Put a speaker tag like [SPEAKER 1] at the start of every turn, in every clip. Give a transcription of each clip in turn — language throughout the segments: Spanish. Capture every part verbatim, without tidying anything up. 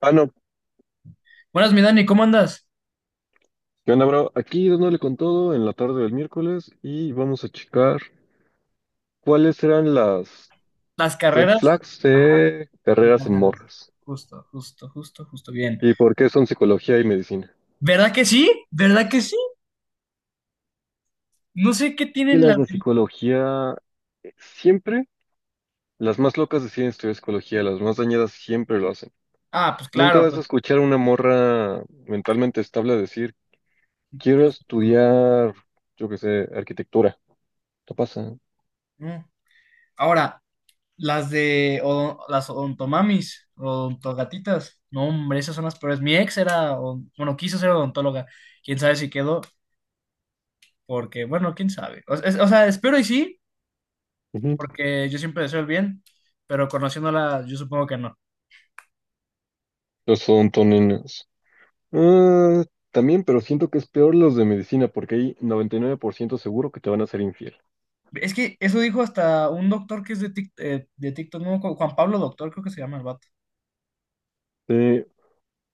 [SPEAKER 1] Ah, no.
[SPEAKER 2] Buenas, mi Dani, ¿cómo andas?
[SPEAKER 1] ¿Qué onda, bro? Aquí dándole con todo en la tarde del miércoles y vamos a checar cuáles serán las
[SPEAKER 2] Las
[SPEAKER 1] red
[SPEAKER 2] carreras.
[SPEAKER 1] flags
[SPEAKER 2] Ajá,
[SPEAKER 1] de
[SPEAKER 2] en
[SPEAKER 1] carreras en
[SPEAKER 2] carreras.
[SPEAKER 1] morras
[SPEAKER 2] Justo, justo, justo, justo, bien.
[SPEAKER 1] y por qué son psicología y medicina.
[SPEAKER 2] ¿Verdad que sí? ¿Verdad que sí? No sé qué
[SPEAKER 1] Es que
[SPEAKER 2] tienen
[SPEAKER 1] las
[SPEAKER 2] las.
[SPEAKER 1] de psicología eh, siempre, las más locas deciden estudiar psicología, las más dañadas siempre lo hacen.
[SPEAKER 2] Ah, pues
[SPEAKER 1] Nunca
[SPEAKER 2] claro,
[SPEAKER 1] vas a
[SPEAKER 2] pues.
[SPEAKER 1] escuchar a una morra mentalmente estable decir, quiero
[SPEAKER 2] Yo- soy inclusivo.
[SPEAKER 1] estudiar, yo qué sé, arquitectura. ¿Qué pasa?
[SPEAKER 2] Mm. Ahora, las de. odo- las odontomamis, odontogatitas. No, hombre, esas son las peores. Mi ex era. Odon- Bueno, quiso ser odontóloga. Quién sabe si quedó, porque, bueno, quién sabe. O, es- o sea, espero y sí,
[SPEAKER 1] Ujú.
[SPEAKER 2] porque yo siempre deseo el bien, pero conociéndola, yo supongo que no.
[SPEAKER 1] Los son toninas. Ah, también, pero siento que es peor los de medicina porque hay noventa y nueve por ciento seguro que te van a ser infiel.
[SPEAKER 2] Es que eso dijo hasta un doctor que es de Tik- eh, de TikTok, no, Ju- Juan Pablo Doctor, creo que se llama el vato.
[SPEAKER 1] Eh,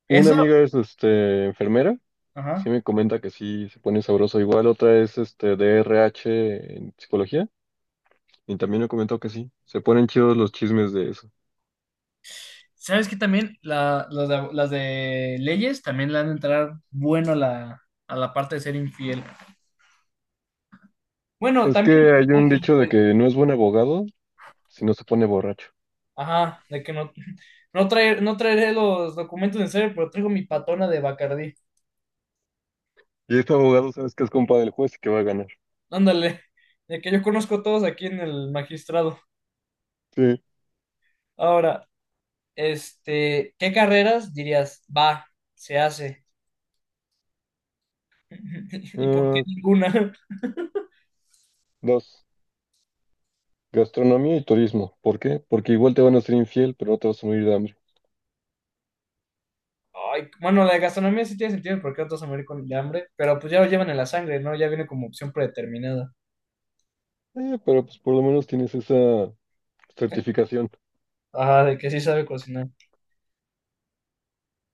[SPEAKER 1] una
[SPEAKER 2] Eso,
[SPEAKER 1] amiga es este, enfermera, sí
[SPEAKER 2] ajá.
[SPEAKER 1] me comenta que sí se pone sabroso igual, otra es este, D R H en psicología y también me comentó que sí, se ponen chidos los chismes de eso.
[SPEAKER 2] ¿Sabes que también la- las de, las de leyes también le han de entrar bueno a la, a la parte de ser infiel? Bueno,
[SPEAKER 1] Es
[SPEAKER 2] también,
[SPEAKER 1] que hay un dicho de que no es buen abogado si no se pone borracho.
[SPEAKER 2] ajá, de que no, no, traer, no traeré los documentos en serio, pero traigo mi patona de Bacardí.
[SPEAKER 1] Y este abogado sabes que es compa del juez y que va a ganar.
[SPEAKER 2] Ándale, de que yo conozco a todos aquí en el magistrado.
[SPEAKER 1] Sí.
[SPEAKER 2] Ahora, este, ¿qué carreras dirías? Va, se hace. ¿Y por qué
[SPEAKER 1] Ah,
[SPEAKER 2] ninguna?
[SPEAKER 1] dos, gastronomía y turismo. ¿Por qué? Porque igual te van a ser infiel, pero no te vas a morir de hambre.
[SPEAKER 2] Ay, bueno, la de gastronomía sí tiene sentido porque otros se mueren con de hambre, pero pues ya lo llevan en la sangre, ¿no? Ya viene como opción predeterminada.
[SPEAKER 1] Eh, pero pues por lo menos tienes esa certificación.
[SPEAKER 2] Ah, de que sí sabe cocinar.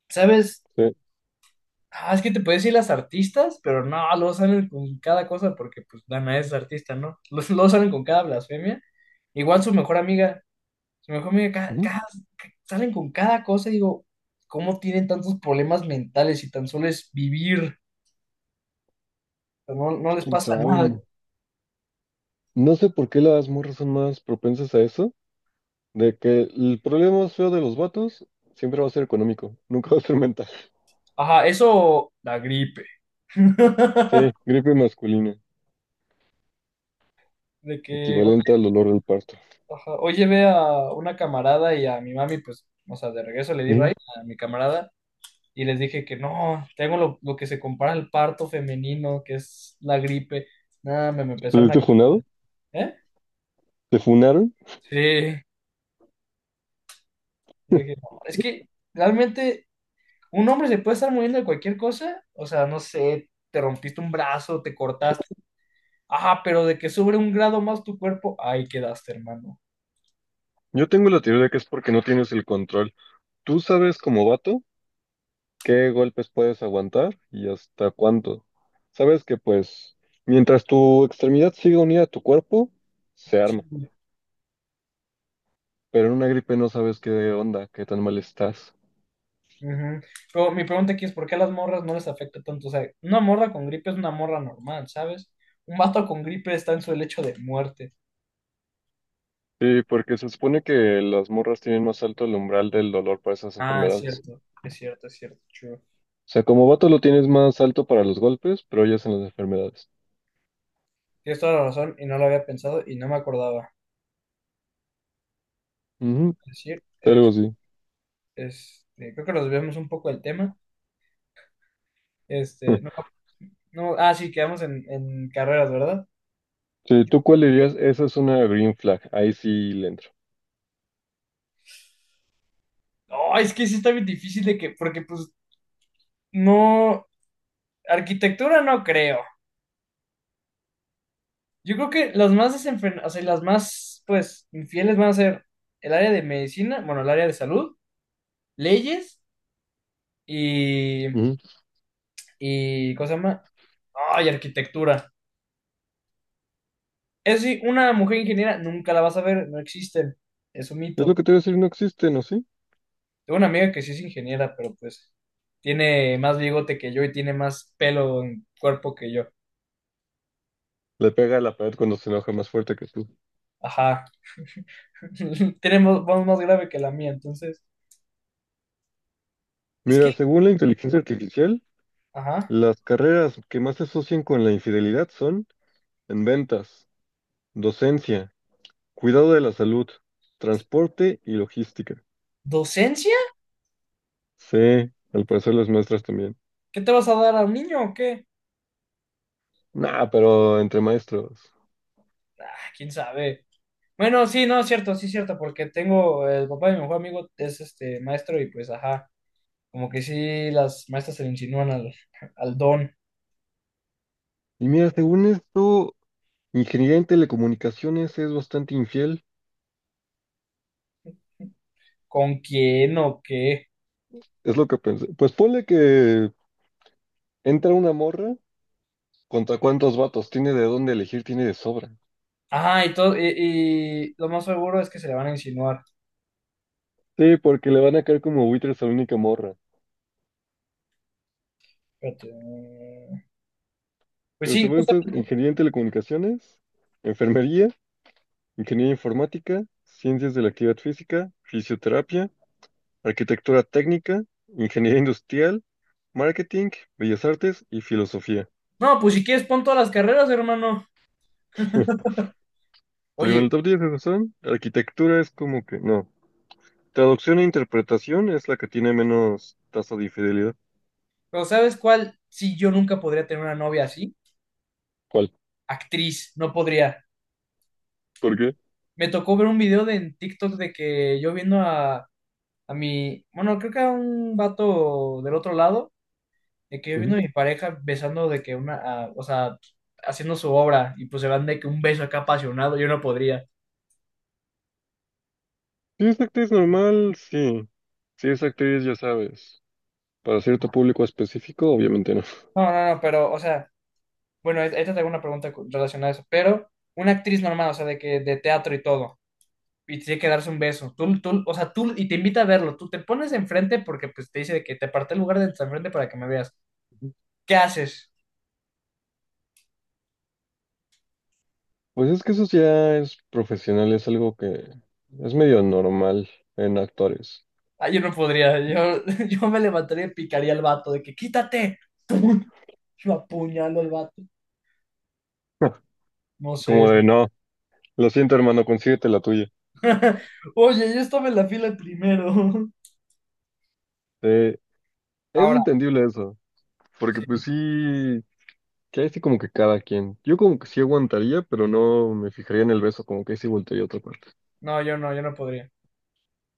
[SPEAKER 2] ¿Sabes?
[SPEAKER 1] Sí.
[SPEAKER 2] Ah, es que te puedes decir las artistas, pero no, luego salen con cada cosa porque pues Dana es artista, ¿no? Los- Luego salen con cada blasfemia. Igual su mejor amiga, su mejor amiga, ca-
[SPEAKER 1] Ujú.
[SPEAKER 2] cada- ca- salen con cada cosa y digo, ¿cómo tienen tantos problemas mentales y tan solo es vivir? O sea, no, no
[SPEAKER 1] Pues,
[SPEAKER 2] les
[SPEAKER 1] quién
[SPEAKER 2] pasa nada.
[SPEAKER 1] sabe. No sé por qué las morras son más propensas a eso, de que el problema más feo de los vatos siempre va a ser económico, nunca va a ser mental.
[SPEAKER 2] Ajá, eso, la gripe.
[SPEAKER 1] Sí, gripe masculina,
[SPEAKER 2] De que,
[SPEAKER 1] equivalente
[SPEAKER 2] oye,
[SPEAKER 1] al dolor del parto.
[SPEAKER 2] ajá, hoy llevé a una camarada y a mi mami, pues, o sea, de regreso le di
[SPEAKER 1] Ujú.
[SPEAKER 2] raíz a mi camarada y les dije que no, tengo lo, lo que se compara al parto femenino, que es la gripe. Nada, me, me
[SPEAKER 1] ¿Te
[SPEAKER 2] empezaron a...
[SPEAKER 1] fuiste funado?
[SPEAKER 2] ¿Eh?
[SPEAKER 1] ¿Te funaron?
[SPEAKER 2] Sí. Yo dije: "No, es que realmente un hombre se puede estar muriendo de cualquier cosa, o sea, no sé, te rompiste un brazo, te cortaste, ah, pero de que sube un grado más tu cuerpo, ahí quedaste, hermano.
[SPEAKER 1] Yo tengo la teoría de que es porque no tienes el control. Tú sabes como vato qué golpes puedes aguantar y hasta cuánto. Sabes que pues mientras tu extremidad siga unida a tu cuerpo, se
[SPEAKER 2] Sí,
[SPEAKER 1] arma, pero en una gripe no sabes qué onda, qué tan mal estás.
[SPEAKER 2] ujú. Pero mi pregunta aquí es, ¿por qué a las morras no les afecta tanto? O sea, una morra con gripe es una morra normal, ¿sabes? Un vato con gripe está en su lecho de muerte.
[SPEAKER 1] Sí, porque se supone que las morras tienen más alto el umbral del dolor para esas
[SPEAKER 2] Ah, es
[SPEAKER 1] enfermedades.
[SPEAKER 2] cierto, es cierto, es cierto, true.
[SPEAKER 1] O sea, como vato lo tienes más alto para los golpes, pero ellas en las enfermedades.
[SPEAKER 2] Tienes toda la razón y no lo había pensado y no me acordaba.
[SPEAKER 1] Ujú,
[SPEAKER 2] Es decir,
[SPEAKER 1] algo así.
[SPEAKER 2] este, creo que nos desviamos un poco del tema. Este, no, no, ah, sí, quedamos en, en carreras, ¿verdad?
[SPEAKER 1] Sí, ¿tú cuál dirías? Esa es una green flag, ahí sí le entro.
[SPEAKER 2] No, es que sí está bien difícil de que, porque pues no, arquitectura no creo. Yo creo que las más desenfrenadas, o sea, las más, pues, infieles van a ser el área de medicina, bueno, el área de salud, leyes y,
[SPEAKER 1] Ujú.
[SPEAKER 2] y ¿cómo se llama? Ay, arquitectura. Eso sí, una mujer ingeniera nunca la vas a ver, no existen, es un
[SPEAKER 1] Es lo
[SPEAKER 2] mito.
[SPEAKER 1] que te iba a decir, no existe, ¿no? Sí.
[SPEAKER 2] Tengo una amiga que sí es ingeniera, pero pues tiene más bigote que yo y tiene más pelo en cuerpo que yo.
[SPEAKER 1] Le pega a la pared cuando se enoja más fuerte que tú.
[SPEAKER 2] Ajá. Tenemos voz más grave que la mía, entonces. Es que,
[SPEAKER 1] Mira, según la inteligencia artificial,
[SPEAKER 2] ajá.
[SPEAKER 1] las carreras que más se asocian con la infidelidad son en ventas, docencia, cuidado de la salud, transporte y logística.
[SPEAKER 2] ¿Docencia?
[SPEAKER 1] Sí, al parecer las maestras también.
[SPEAKER 2] ¿Qué te vas a dar a un niño o qué?
[SPEAKER 1] Nah, pero entre maestros.
[SPEAKER 2] Ah, quién sabe. Bueno, sí, no, es cierto, sí, es cierto, porque tengo el papá de mi mejor amigo, es este maestro, y pues, ajá, como que sí, las maestras se le insinúan al, al don,
[SPEAKER 1] Y mira, según esto, ingeniería en telecomunicaciones es bastante infiel.
[SPEAKER 2] con quién o qué.
[SPEAKER 1] Es lo que pensé. Pues ponle que entra una morra, ¿contra cuántos vatos? Tiene de dónde elegir, tiene de sobra.
[SPEAKER 2] Ajá, y todo, y, y lo más seguro es que se le van a insinuar.
[SPEAKER 1] Sí, porque le van a caer como buitres a la única morra.
[SPEAKER 2] Espérate. eh, Pues
[SPEAKER 1] Pero
[SPEAKER 2] sí,
[SPEAKER 1] según esto,
[SPEAKER 2] justamente.
[SPEAKER 1] ingeniería en telecomunicaciones, enfermería, ingeniería informática, ciencias de la actividad física, fisioterapia, arquitectura técnica, ingeniería industrial, marketing, bellas artes y filosofía.
[SPEAKER 2] No, pues si quieres, pon todas las carreras, hermano.
[SPEAKER 1] Te digo, en
[SPEAKER 2] Oye,
[SPEAKER 1] el top diez de razón, arquitectura es como que no. Traducción e interpretación es la que tiene menos tasa de infidelidad.
[SPEAKER 2] pero ¿sabes cuál? Sí, yo nunca podría tener una novia así.
[SPEAKER 1] ¿Cuál?
[SPEAKER 2] Actriz, no podría.
[SPEAKER 1] ¿Por qué?
[SPEAKER 2] Me tocó ver un video de, en TikTok de que yo viendo a a mi, bueno, creo que a un vato del otro lado, de que yo viendo
[SPEAKER 1] Ujú.
[SPEAKER 2] a mi pareja besando de que una, a- o sea, haciendo su obra y pues se van de que un beso acá apasionado, yo no podría.
[SPEAKER 1] Si es actriz normal, sí. Si es actriz, ya sabes. Para cierto público específico, obviamente no.
[SPEAKER 2] No, no, no, pero, o sea, bueno, ahí ahí te tengo una pregunta cu- relacionada a eso, pero una actriz normal, o sea, de que de teatro y todo, y tiene que darse un beso, tú, tú, o sea, tú, y te invita a verlo, tú te pones enfrente porque pues te dice de que te aparté el lugar de enfrente para que me veas, ¿qué haces?
[SPEAKER 1] Pues es que eso ya es profesional, es algo que es medio normal en actores.
[SPEAKER 2] Ah, yo no podría. Yo, yo me levantaría y picaría al vato de que quítate. ¡Pum! Lo apuñalo al vato. No sé.
[SPEAKER 1] Como de, no, lo siento, hermano, consíguete la tuya.
[SPEAKER 2] Oye, yo estaba en la fila primero.
[SPEAKER 1] Eh, es
[SPEAKER 2] Ahora,
[SPEAKER 1] entendible eso, porque
[SPEAKER 2] sí.
[SPEAKER 1] pues sí, que ahí sí como que cada quien. Yo como que sí aguantaría, pero no me fijaría en el beso, como que ahí sí voltearía a otra parte.
[SPEAKER 2] No, yo no, yo no podría.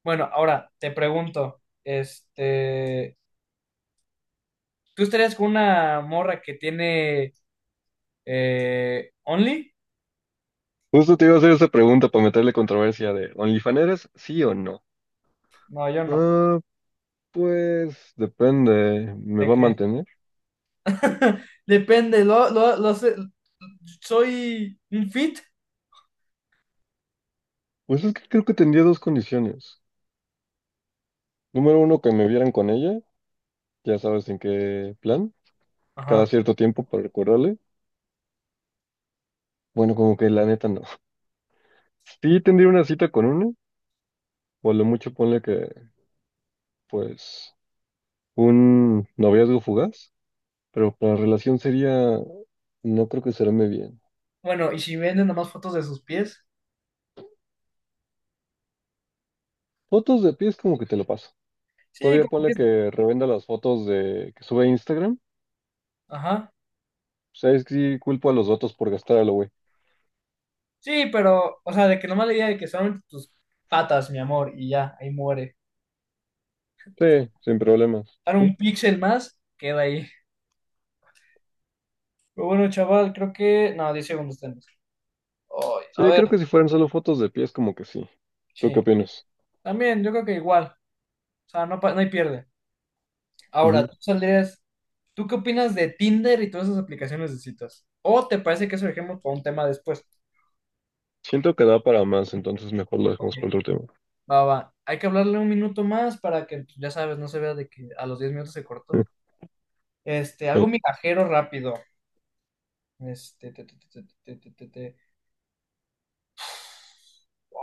[SPEAKER 2] Bueno, ahora te pregunto, este, ¿tú estarías con una morra que tiene eh, Only?
[SPEAKER 1] Justo te iba a hacer esa pregunta para meterle controversia de, ¿OnlyFaneras sí o no?
[SPEAKER 2] No, yo no.
[SPEAKER 1] Ah, pues depende, ¿me
[SPEAKER 2] ¿De
[SPEAKER 1] va a
[SPEAKER 2] qué?
[SPEAKER 1] mantener?
[SPEAKER 2] Depende, lo, lo, lo sé- soy un fit.
[SPEAKER 1] Pues es que creo que tendría dos condiciones. Número uno, que me vieran con ella, ya sabes en qué plan, cada
[SPEAKER 2] Ajá.
[SPEAKER 1] cierto tiempo para recordarle. Bueno, como que la neta no. Sí tendría una cita con una, o a lo mucho ponle que, pues, un noviazgo fugaz, pero para relación sería, no creo que será muy bien.
[SPEAKER 2] Bueno, y si venden nomás fotos de sus pies.
[SPEAKER 1] Fotos de pies como que te lo paso.
[SPEAKER 2] Sí,
[SPEAKER 1] Todavía
[SPEAKER 2] como
[SPEAKER 1] ponle
[SPEAKER 2] que...
[SPEAKER 1] que revenda las fotos de que sube a Instagram.
[SPEAKER 2] Ajá.
[SPEAKER 1] O sea, es que sí culpo a los datos por gastar a lo güey.
[SPEAKER 2] Sí, pero, o sea, de que nomás le diga de que solamente tus patas, mi amor, y ya, ahí muere.
[SPEAKER 1] Sí,
[SPEAKER 2] O
[SPEAKER 1] sin problemas.
[SPEAKER 2] dar un
[SPEAKER 1] ¿Tú?
[SPEAKER 2] píxel más, queda ahí. Pero bueno, chaval, creo que... No, diez segundos tenemos. Ay, a
[SPEAKER 1] Sí,
[SPEAKER 2] ver,
[SPEAKER 1] creo que si fueran solo fotos de pies como que sí. ¿Tú qué
[SPEAKER 2] sí.
[SPEAKER 1] opinas?
[SPEAKER 2] También, yo creo que igual. O sea, no, pa- no hay pierde. Ahora, tú saldrías... ¿Tú qué opinas de Tinder y todas esas aplicaciones de citas? ¿O te parece que eso dejemos para un tema después?
[SPEAKER 1] Siento que da para más, entonces mejor lo dejamos para
[SPEAKER 2] Ok,
[SPEAKER 1] otro tema.
[SPEAKER 2] va, va. Hay que hablarle un minuto más para que, ya sabes, no se vea de que a los diez minutos se cortó.
[SPEAKER 1] Eh,
[SPEAKER 2] Este, algo
[SPEAKER 1] eh,
[SPEAKER 2] migajero rápido. Este, te, te, te, te, te, te, te.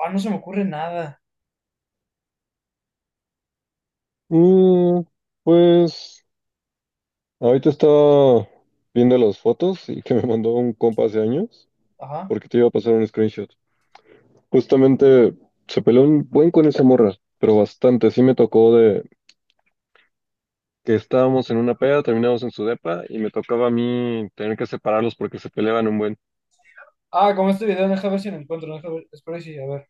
[SPEAKER 2] Ah, no se me ocurre nada.
[SPEAKER 1] mm, pues ahorita estaba viendo las fotos y que me mandó un compa hace años
[SPEAKER 2] Ajá.
[SPEAKER 1] porque te iba a pasar un screenshot. Justamente se peleó un buen con esa morra, pero bastante. Sí me tocó de que estábamos en una peda, terminamos en su depa y me tocaba a mí tener que separarlos porque se peleaban un buen.
[SPEAKER 2] Ah, como este video, deja ver si lo encuentro. Deja ver, espero y sí, a ver.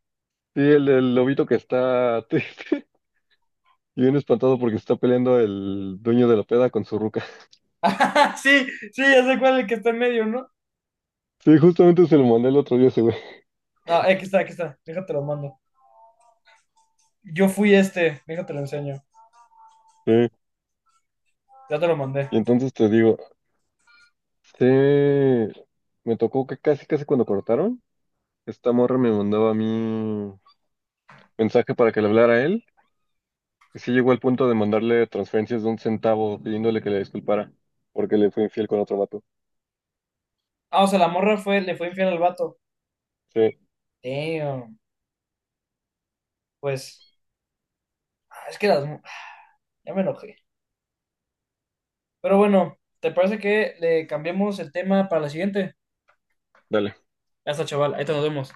[SPEAKER 1] Sí, el, el lobito que está triste y bien espantado porque está peleando el dueño de la peda con su ruca.
[SPEAKER 2] Sí, sí, ya sé cuál es el que está en medio, ¿no?
[SPEAKER 1] Sí, justamente se lo mandé el otro día a ese güey.
[SPEAKER 2] Ah, aquí está, aquí está. Déjate lo mando. Yo fui este, déjate lo enseño.
[SPEAKER 1] Eh,
[SPEAKER 2] Ya te lo mandé.
[SPEAKER 1] y entonces te digo, sí, me tocó que casi, casi cuando cortaron, esta morra me mandaba a mí mensaje para que le hablara a él. Y sí llegó al punto de mandarle transferencias de un centavo pidiéndole que le disculpara porque le fue infiel con otro vato.
[SPEAKER 2] Ah, o sea, la morra fue, le fue infiel al vato.
[SPEAKER 1] Sí,
[SPEAKER 2] Damn. Pues, ah, es que las. Mu- ah, ya me enojé. Pero bueno, ¿te parece que le cambiemos el tema para la siguiente?
[SPEAKER 1] dale.
[SPEAKER 2] Ya está, chaval. Ahí te nos vemos.